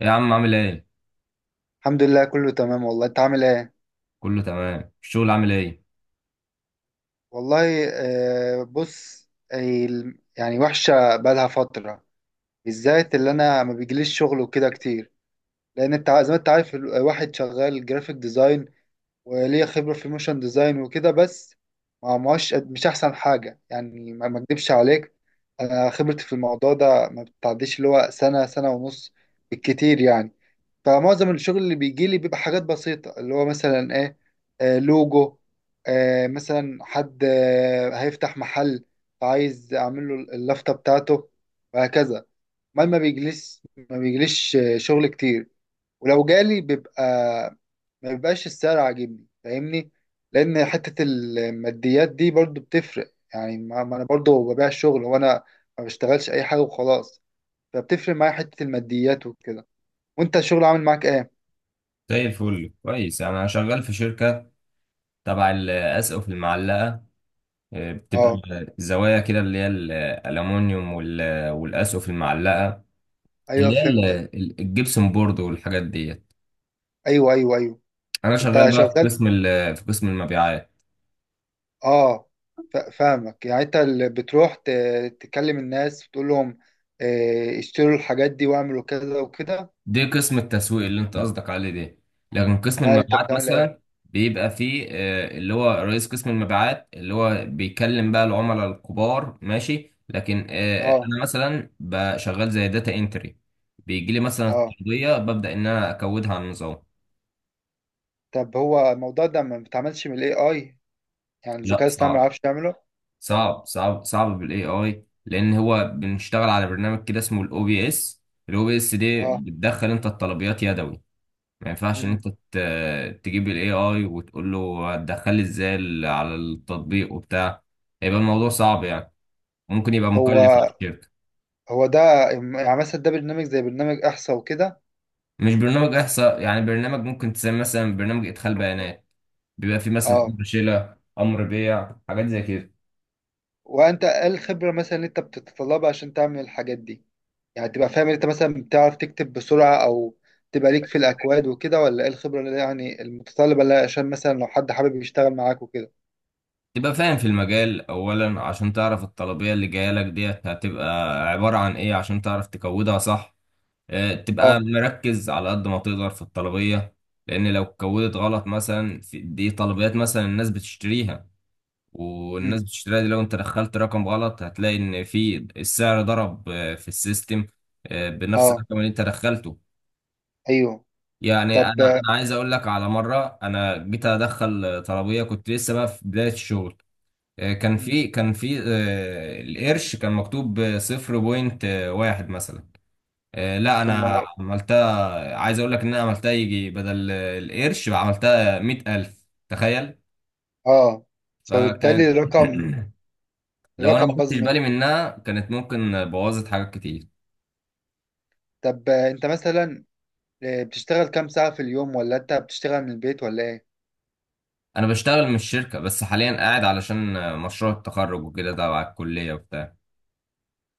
يا عم عامل ايه؟ الحمد لله، كله تمام والله. انت عامل ايه؟ كله تمام، الشغل عامل ايه؟ والله بص. يعني وحشه بقالها فتره، بالذات اللي انا ما بيجيليش شغل وكده كتير، لان انت زي ما انت عارف، الواحد شغال جرافيك ديزاين وليه خبره في الموشن ديزاين وكده. بس ما ماش مش احسن حاجه يعني، ما اكدبش عليك. انا خبرتي في الموضوع ده ما بتعديش اللي هو سنه، سنه ونص بالكتير يعني. فمعظم الشغل اللي بيجي لي بيبقى حاجات بسيطة، اللي هو مثلا ايه، لوجو، مثلا حد هيفتح محل، عايز اعمل له اللافتة بتاعته، وهكذا. ما ما بيجلس ما بيجليش شغل كتير، ولو جالي بيبقى ما بيبقاش السعر عاجبني، فاهمني؟ لان حتة الماديات دي برضو بتفرق، يعني ما انا برضو ببيع الشغل، وانا ما بشتغلش اي حاجة وخلاص، فبتفرق معايا حتة الماديات وكده. وانت الشغل عامل معاك ايه؟ زي الفل، كويس، انا شغال في شركة تبع الاسقف المعلقة. بتبقى اه. زوايا كده اللي هي الالومنيوم والاسقف المعلقة ايوه اللي هي فهمتك. الجبسون بورد والحاجات ديت. ايوه، ايوه، ايوه. انا انت شغال بقى في شغال. في قسم المبيعات. اه. فاهمك، يعني انت اللي بتروح تكلم الناس وتقول لهم اشتروا الحاجات دي واعملوا كذا وكده. دي قسم التسويق اللي انت قصدك عليه دي. مم. لكن قسم ما انت المبيعات بتعمل ايه. مثلا بيبقى فيه اللي هو رئيس قسم المبيعات اللي هو بيكلم بقى العملاء الكبار، ماشي، لكن اه. انا مثلا بشغال زي داتا انتري. بيجي لي مثلا اه. التغطية ببدأ ان انا اكودها على النظام. طب هو الموضوع ده ما بيتعملش من الاي اي؟ يعني لا، الذكاء الاصطناعي ما صعب. يعرفش يعمله؟ صعب بالاي اي، لان هو بنشتغل على برنامج كده اسمه الاو بي اس. الاو بي اس دي اه. بتدخل انت الطلبيات يدوي. ما ينفعش ان انت امم. تجيب الاي اي وتقول له هتدخل لي ازاي على التطبيق وبتاع. هيبقى الموضوع صعب يعني، ممكن يبقى مكلف هو على الشركه. هو ده، يعني مثلا ده برنامج زي برنامج احصى وكده. مش برنامج احصاء، يعني برنامج ممكن تسمي مثلا برنامج ادخال بيانات. بيبقى فيه مثلا اه. امر شيله، امر بيع، حاجات زي كده. وانت ايه الخبرة مثلا اللي انت بتتطلبها عشان تعمل الحاجات دي؟ يعني تبقى فاهم انت مثلا، بتعرف تكتب بسرعة او تبقى ليك في الاكواد وكده، ولا ايه الخبرة اللي يعني المتطلبة، اللي عشان مثلا لو حد حابب يشتغل معاك وكده؟ تبقى فاهم في المجال اولا عشان تعرف الطلبيه اللي جايه لك ديت هتبقى عباره عن ايه عشان تعرف تكودها صح. تبقى اه. مركز على قد ما تقدر في الطلبية. لأن لو اتكودت غلط مثلا، في دي طلبيات مثلا الناس بتشتريها، والناس امم. بتشتريها دي لو انت دخلت رقم غلط هتلاقي ان في السعر ضرب في السيستم بنفس اه. الرقم اللي انت دخلته. ايوه. يعني انا طب. انا عايز اقول لك على مرة انا جيت ادخل طلبية، كنت لسه بقى في بداية الشغل. كان مم. في كان في القرش كان مكتوب صفر بوينت واحد مثلا. لا، طب انا ما عملتها، عايز اقول لك ان انا عملتها يجي بدل القرش عملتها مئة الف، تخيل. اه. فبالتالي فكانت الرقم، لو انا ما الرقم باظ خدتش منك. بالي منها كانت ممكن بوظت حاجات كتير. طب انت مثلا بتشتغل كام ساعة في اليوم، ولا انت بتشتغل من البيت، ولا ايه؟ انا بشتغل من الشركة بس حاليا قاعد علشان مشروع التخرج وكده تبع الكلية وبتاع.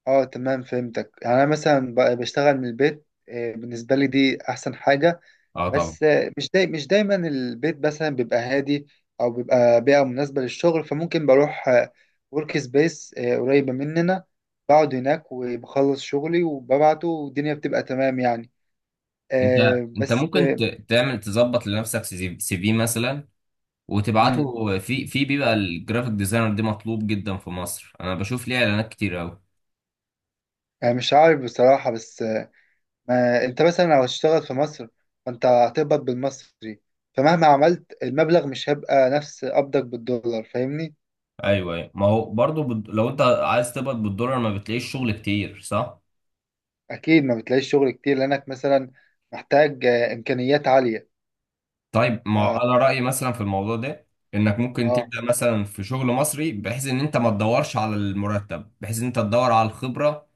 اه تمام فهمتك. يعني انا مثلا بشتغل من البيت، بالنسبة لي دي احسن حاجة. اه، طبعا. بس مش داي مش دايما البيت مثلا بيبقى هادي او بيبقى بيئة مناسبة للشغل، فممكن بروح ورك سبيس قريبة مننا، بقعد هناك وبخلص شغلي وببعته، والدنيا بتبقى تمام يعني. انت آه، انت بس ممكن آه، تعمل تظبط لنفسك سي في مثلا مم، وتبعته في بيبقى الجرافيك ديزاينر دي مطلوب جدا في مصر، انا بشوف ليه اعلانات كتير. آه، مش عارف بصراحة، بس ما انت مثلا لو هتشتغل في مصر، فانت هتقبض بالمصري، فمهما عملت المبلغ مش هيبقى نفس قبضك بالدولار، فاهمني. ايوه، أيوة. ما هو برضو لو انت عايز تقبض بالدولار ما بتلاقيش شغل كتير، صح؟ اكيد ما بتلاقيش شغل كتير، لانك مثلا محتاج امكانيات عالية. طيب، ما هو انا رايي مثلا في الموضوع ده انك ممكن اه. تبدا مثلا في شغل مصري بحيث ان انت ما تدورش على المرتب، بحيث ان انت تدور على الخبره،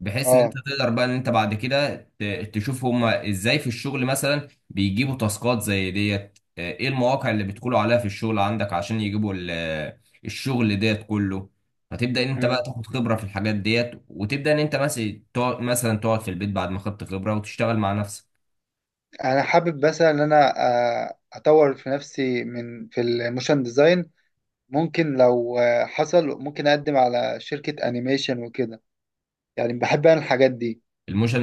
بحيث ان انت اه. تقدر بقى ان انت بعد كده تشوف هما ازاي في الشغل مثلا بيجيبوا تاسكات زي ديت. ايه المواقع اللي بيدخلوا عليها في الشغل عندك عشان يجيبوا الشغل ديت كله. فتبدأ ان انت بقى مم. تاخد خبرة في الحاجات ديت، وتبدأ ان انت مثلا تقعد مثلا تقعد في البيت بعد ما خدت خبرة وتشتغل مع نفسك. انا حابب بس ان انا اطور في نفسي من في الموشن ديزاين. ممكن لو حصل، ممكن اقدم على شركة انيميشن وكده، يعني بحب انا الحاجات دي.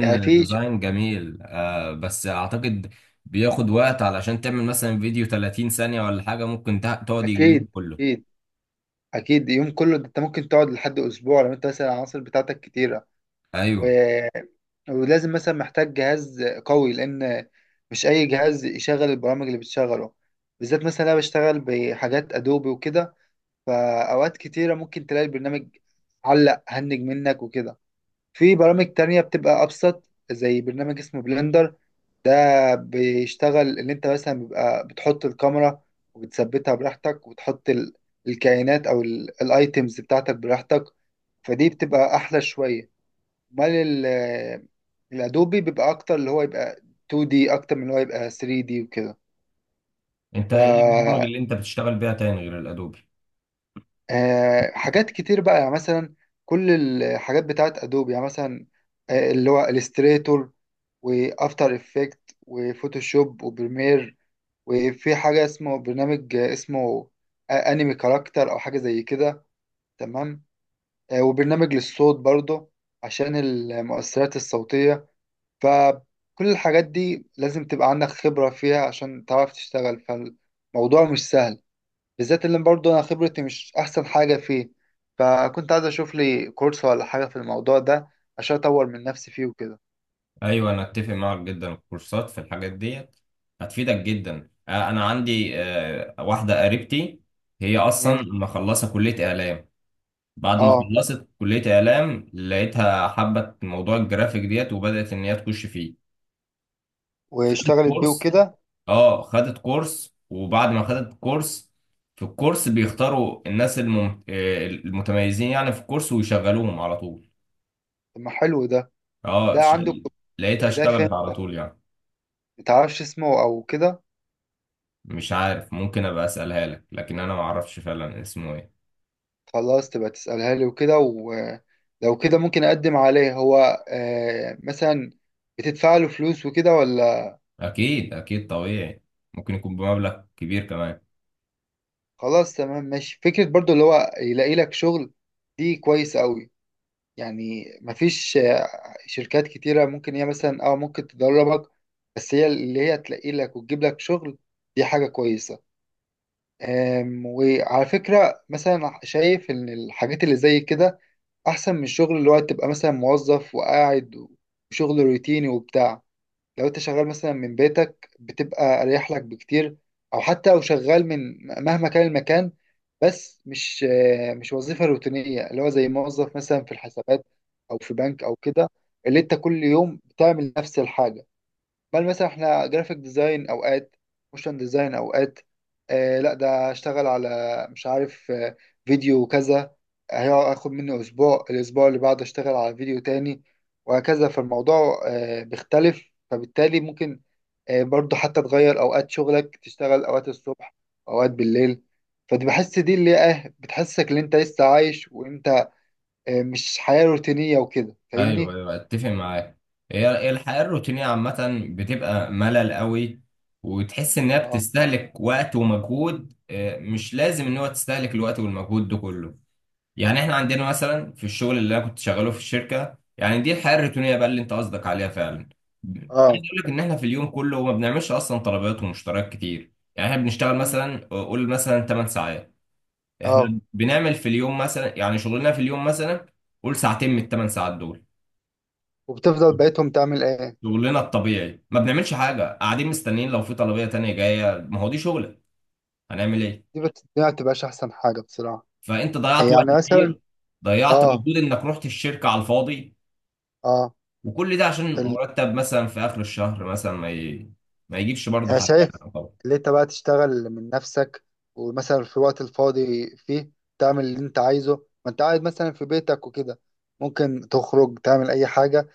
يعني في ديزاين جميل، آه، بس اعتقد بياخد وقت. علشان تعمل مثلا فيديو 30 ثانية ولا حاجة ممكن تقعد يجي اليوم اكيد. كله. اكيد. اكيد يوم كله. ده انت ممكن تقعد لحد اسبوع لو انت مثلا العناصر بتاعتك كتيرة. و... ايوه. ولازم مثلا، محتاج جهاز قوي، لان مش اي جهاز يشغل البرامج اللي بتشغله، بالذات مثلا انا بشتغل بحاجات ادوبي وكده. فأوقات كتيرة ممكن تلاقي البرنامج علق، هنج منك وكده. في برامج تانية بتبقى أبسط، زي برنامج اسمه بلندر. ده بيشتغل اللي انت مثلا بيبقى بتحط الكاميرا وبتثبتها براحتك، وتحط الكائنات او الايتيمز بتاعتك براحتك، فدي بتبقى احلى شوية. امال الادوبي بيبقى اكتر، اللي هو يبقى 2D اكتر من اللي هو يبقى 3D وكده. انت ف ايه البرامج اللي انت بتشتغل بيها تاني غير الادوبي؟ آه، حاجات كتير بقى، يعني مثلا كل الحاجات بتاعت ادوبي. يعني مثلا اللي هو الستريتور وافتر افكت وفوتوشوب وبريمير، وفي حاجه اسمه برنامج اسمه انمي كاركتر او حاجه زي كده، تمام. وبرنامج للصوت برضه، عشان المؤثرات الصوتيه. فكل الحاجات دي لازم تبقى عندك خبره فيها عشان تعرف تشتغل، فالموضوع مش سهل، بالذات اللي برضه انا خبرتي مش احسن حاجه فيه. فكنت عايز اشوف لي كورس ولا حاجه في الموضوع ده، عشان اطور من نفسي فيه وكده. ايوه، انا اتفق معاك جدا، الكورسات في الحاجات ديت هتفيدك جدا. انا عندي واحده قريبتي هي اصلا امم. مخلصه كليه اعلام. بعد ما اه. خلصت كليه اعلام لقيتها حبت موضوع الجرافيك ديت وبدات ان هي تخش فيه. خدت واشتغلت بيه كورس. وكده. اه، خدت كورس، وبعد ما خدت كورس، في الكورس بيختاروا الناس المتميزين يعني في الكورس ويشغلوهم على طول. طب ما حلو ده. اه، ده عندك. لقيتها ده فين؟ اشتغلت على طول يعني. متعرفش اسمه او كده؟ مش عارف، ممكن ابقى اسالها لك، لكن انا ما اعرفش فعلا اسمه ايه. خلاص تبقى تسألها لي وكده، ولو كده ممكن اقدم عليه. هو مثلا بتدفع له فلوس وكده ولا؟ اكيد، اكيد، طبيعي. ممكن يكون بمبلغ كبير كمان. خلاص تمام ماشي. فكرة برضو اللي هو يلاقي لك شغل، دي كويس قوي. يعني مفيش شركات كتيرة، ممكن هي مثلا ممكن تدربك، بس هي اللي هي تلاقي لك وتجيب لك شغل، دي حاجة كويسة. وعلى فكرة مثلا، شايف إن الحاجات اللي زي كده أحسن من الشغل اللي هو تبقى مثلا موظف وقاعد، وشغل روتيني وبتاع. لو انت شغال مثلا من بيتك، بتبقى اريح لك بكتير، او حتى لو شغال من مهما كان المكان، بس مش مش وظيفة روتينية، اللي هو زي موظف مثلا في الحسابات او في بنك او كده، اللي انت كل يوم بتعمل نفس الحاجة. بل مثلا احنا جرافيك ديزاين اوقات، موشن ديزاين اوقات، لا ده اشتغل على، مش عارف فيديو كذا، هياخد مني اسبوع، الاسبوع اللي بعده اشتغل على فيديو تاني، وهكذا. فالموضوع بيختلف، فبالتالي ممكن برضو حتى تغير اوقات شغلك، تشتغل اوقات الصبح، اوقات بالليل، فدي بحس دي اللي بتحسسك ان انت لسه عايش، وانت مش حياة روتينية وكده، ايوه، فاهمني؟ ايوه، اتفق معاك. هي الحياه الروتينيه عامه بتبقى ملل قوي، وتحس انها اه. بتستهلك وقت ومجهود. مش لازم ان هو تستهلك الوقت والمجهود ده كله. يعني احنا عندنا مثلا في الشغل اللي انا كنت شغاله في الشركه، يعني دي الحياه الروتينيه بقى اللي انت قصدك عليها فعلا. اه. عايز اقول لك ان احنا في اليوم كله ما بنعملش اصلا طلبات ومشتريات كتير. يعني احنا بنشتغل مم. مثلا قول مثلا 8 ساعات. اه. احنا بنعمل في اليوم مثلا، يعني شغلنا في اليوم مثلا قول ساعتين من الثمان ساعات دول. وبتفضل بقيتهم تعمل ايه؟ شغلنا الطبيعي ما بنعملش حاجه، قاعدين مستنيين لو في طلبيه تانية جايه. ما هو دي شغلك، هنعمل ايه؟ دي ما بتبقاش احسن حاجه بصراحه، فانت ضيعت وقت يعني مثلا. كتير، ضيعت اه. مجهود انك رحت الشركه على الفاضي. اه. وكل ده عشان ال... مرتب مثلا في اخر الشهر مثلا ما يجيبش برضه انا حاجه. شايف طبعا. اللي انت بقى تشتغل من نفسك، ومثلا في الوقت الفاضي فيه تعمل اللي انت عايزه. ما انت قاعد مثلا في بيتك وكده، ممكن تخرج تعمل اي حاجه،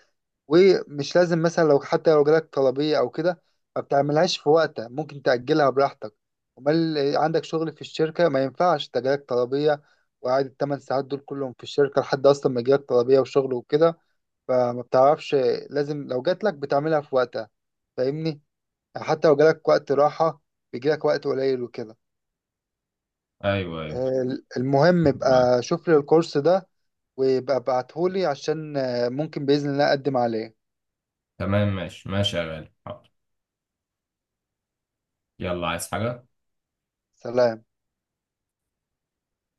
ومش لازم مثلا، لو حتى لو جالك طلبية أو كده ما بتعملهاش في وقتها، ممكن تأجلها براحتك. أمال عندك شغل في الشركة ما ينفعش، ده جالك طلبية وقاعد التمن ساعات دول كلهم في الشركة لحد أصلا ما يجيلك طلبية وشغل وكده، فما بتعرفش. لازم لو جاتلك بتعملها في وقتها، فاهمني. يعني حتى لو جالك وقت راحة، بيجيلك وقت قليل وكده. ايوه، ايوه. آه، المهم ابقى شوف لي الكورس ده، وابقى ابعتهولي عشان ممكن بإذن الله أقدم عليه. تمام، ماشي، ماشي يا غالي، حاضر. يلا، عايز حاجه؟ سلام.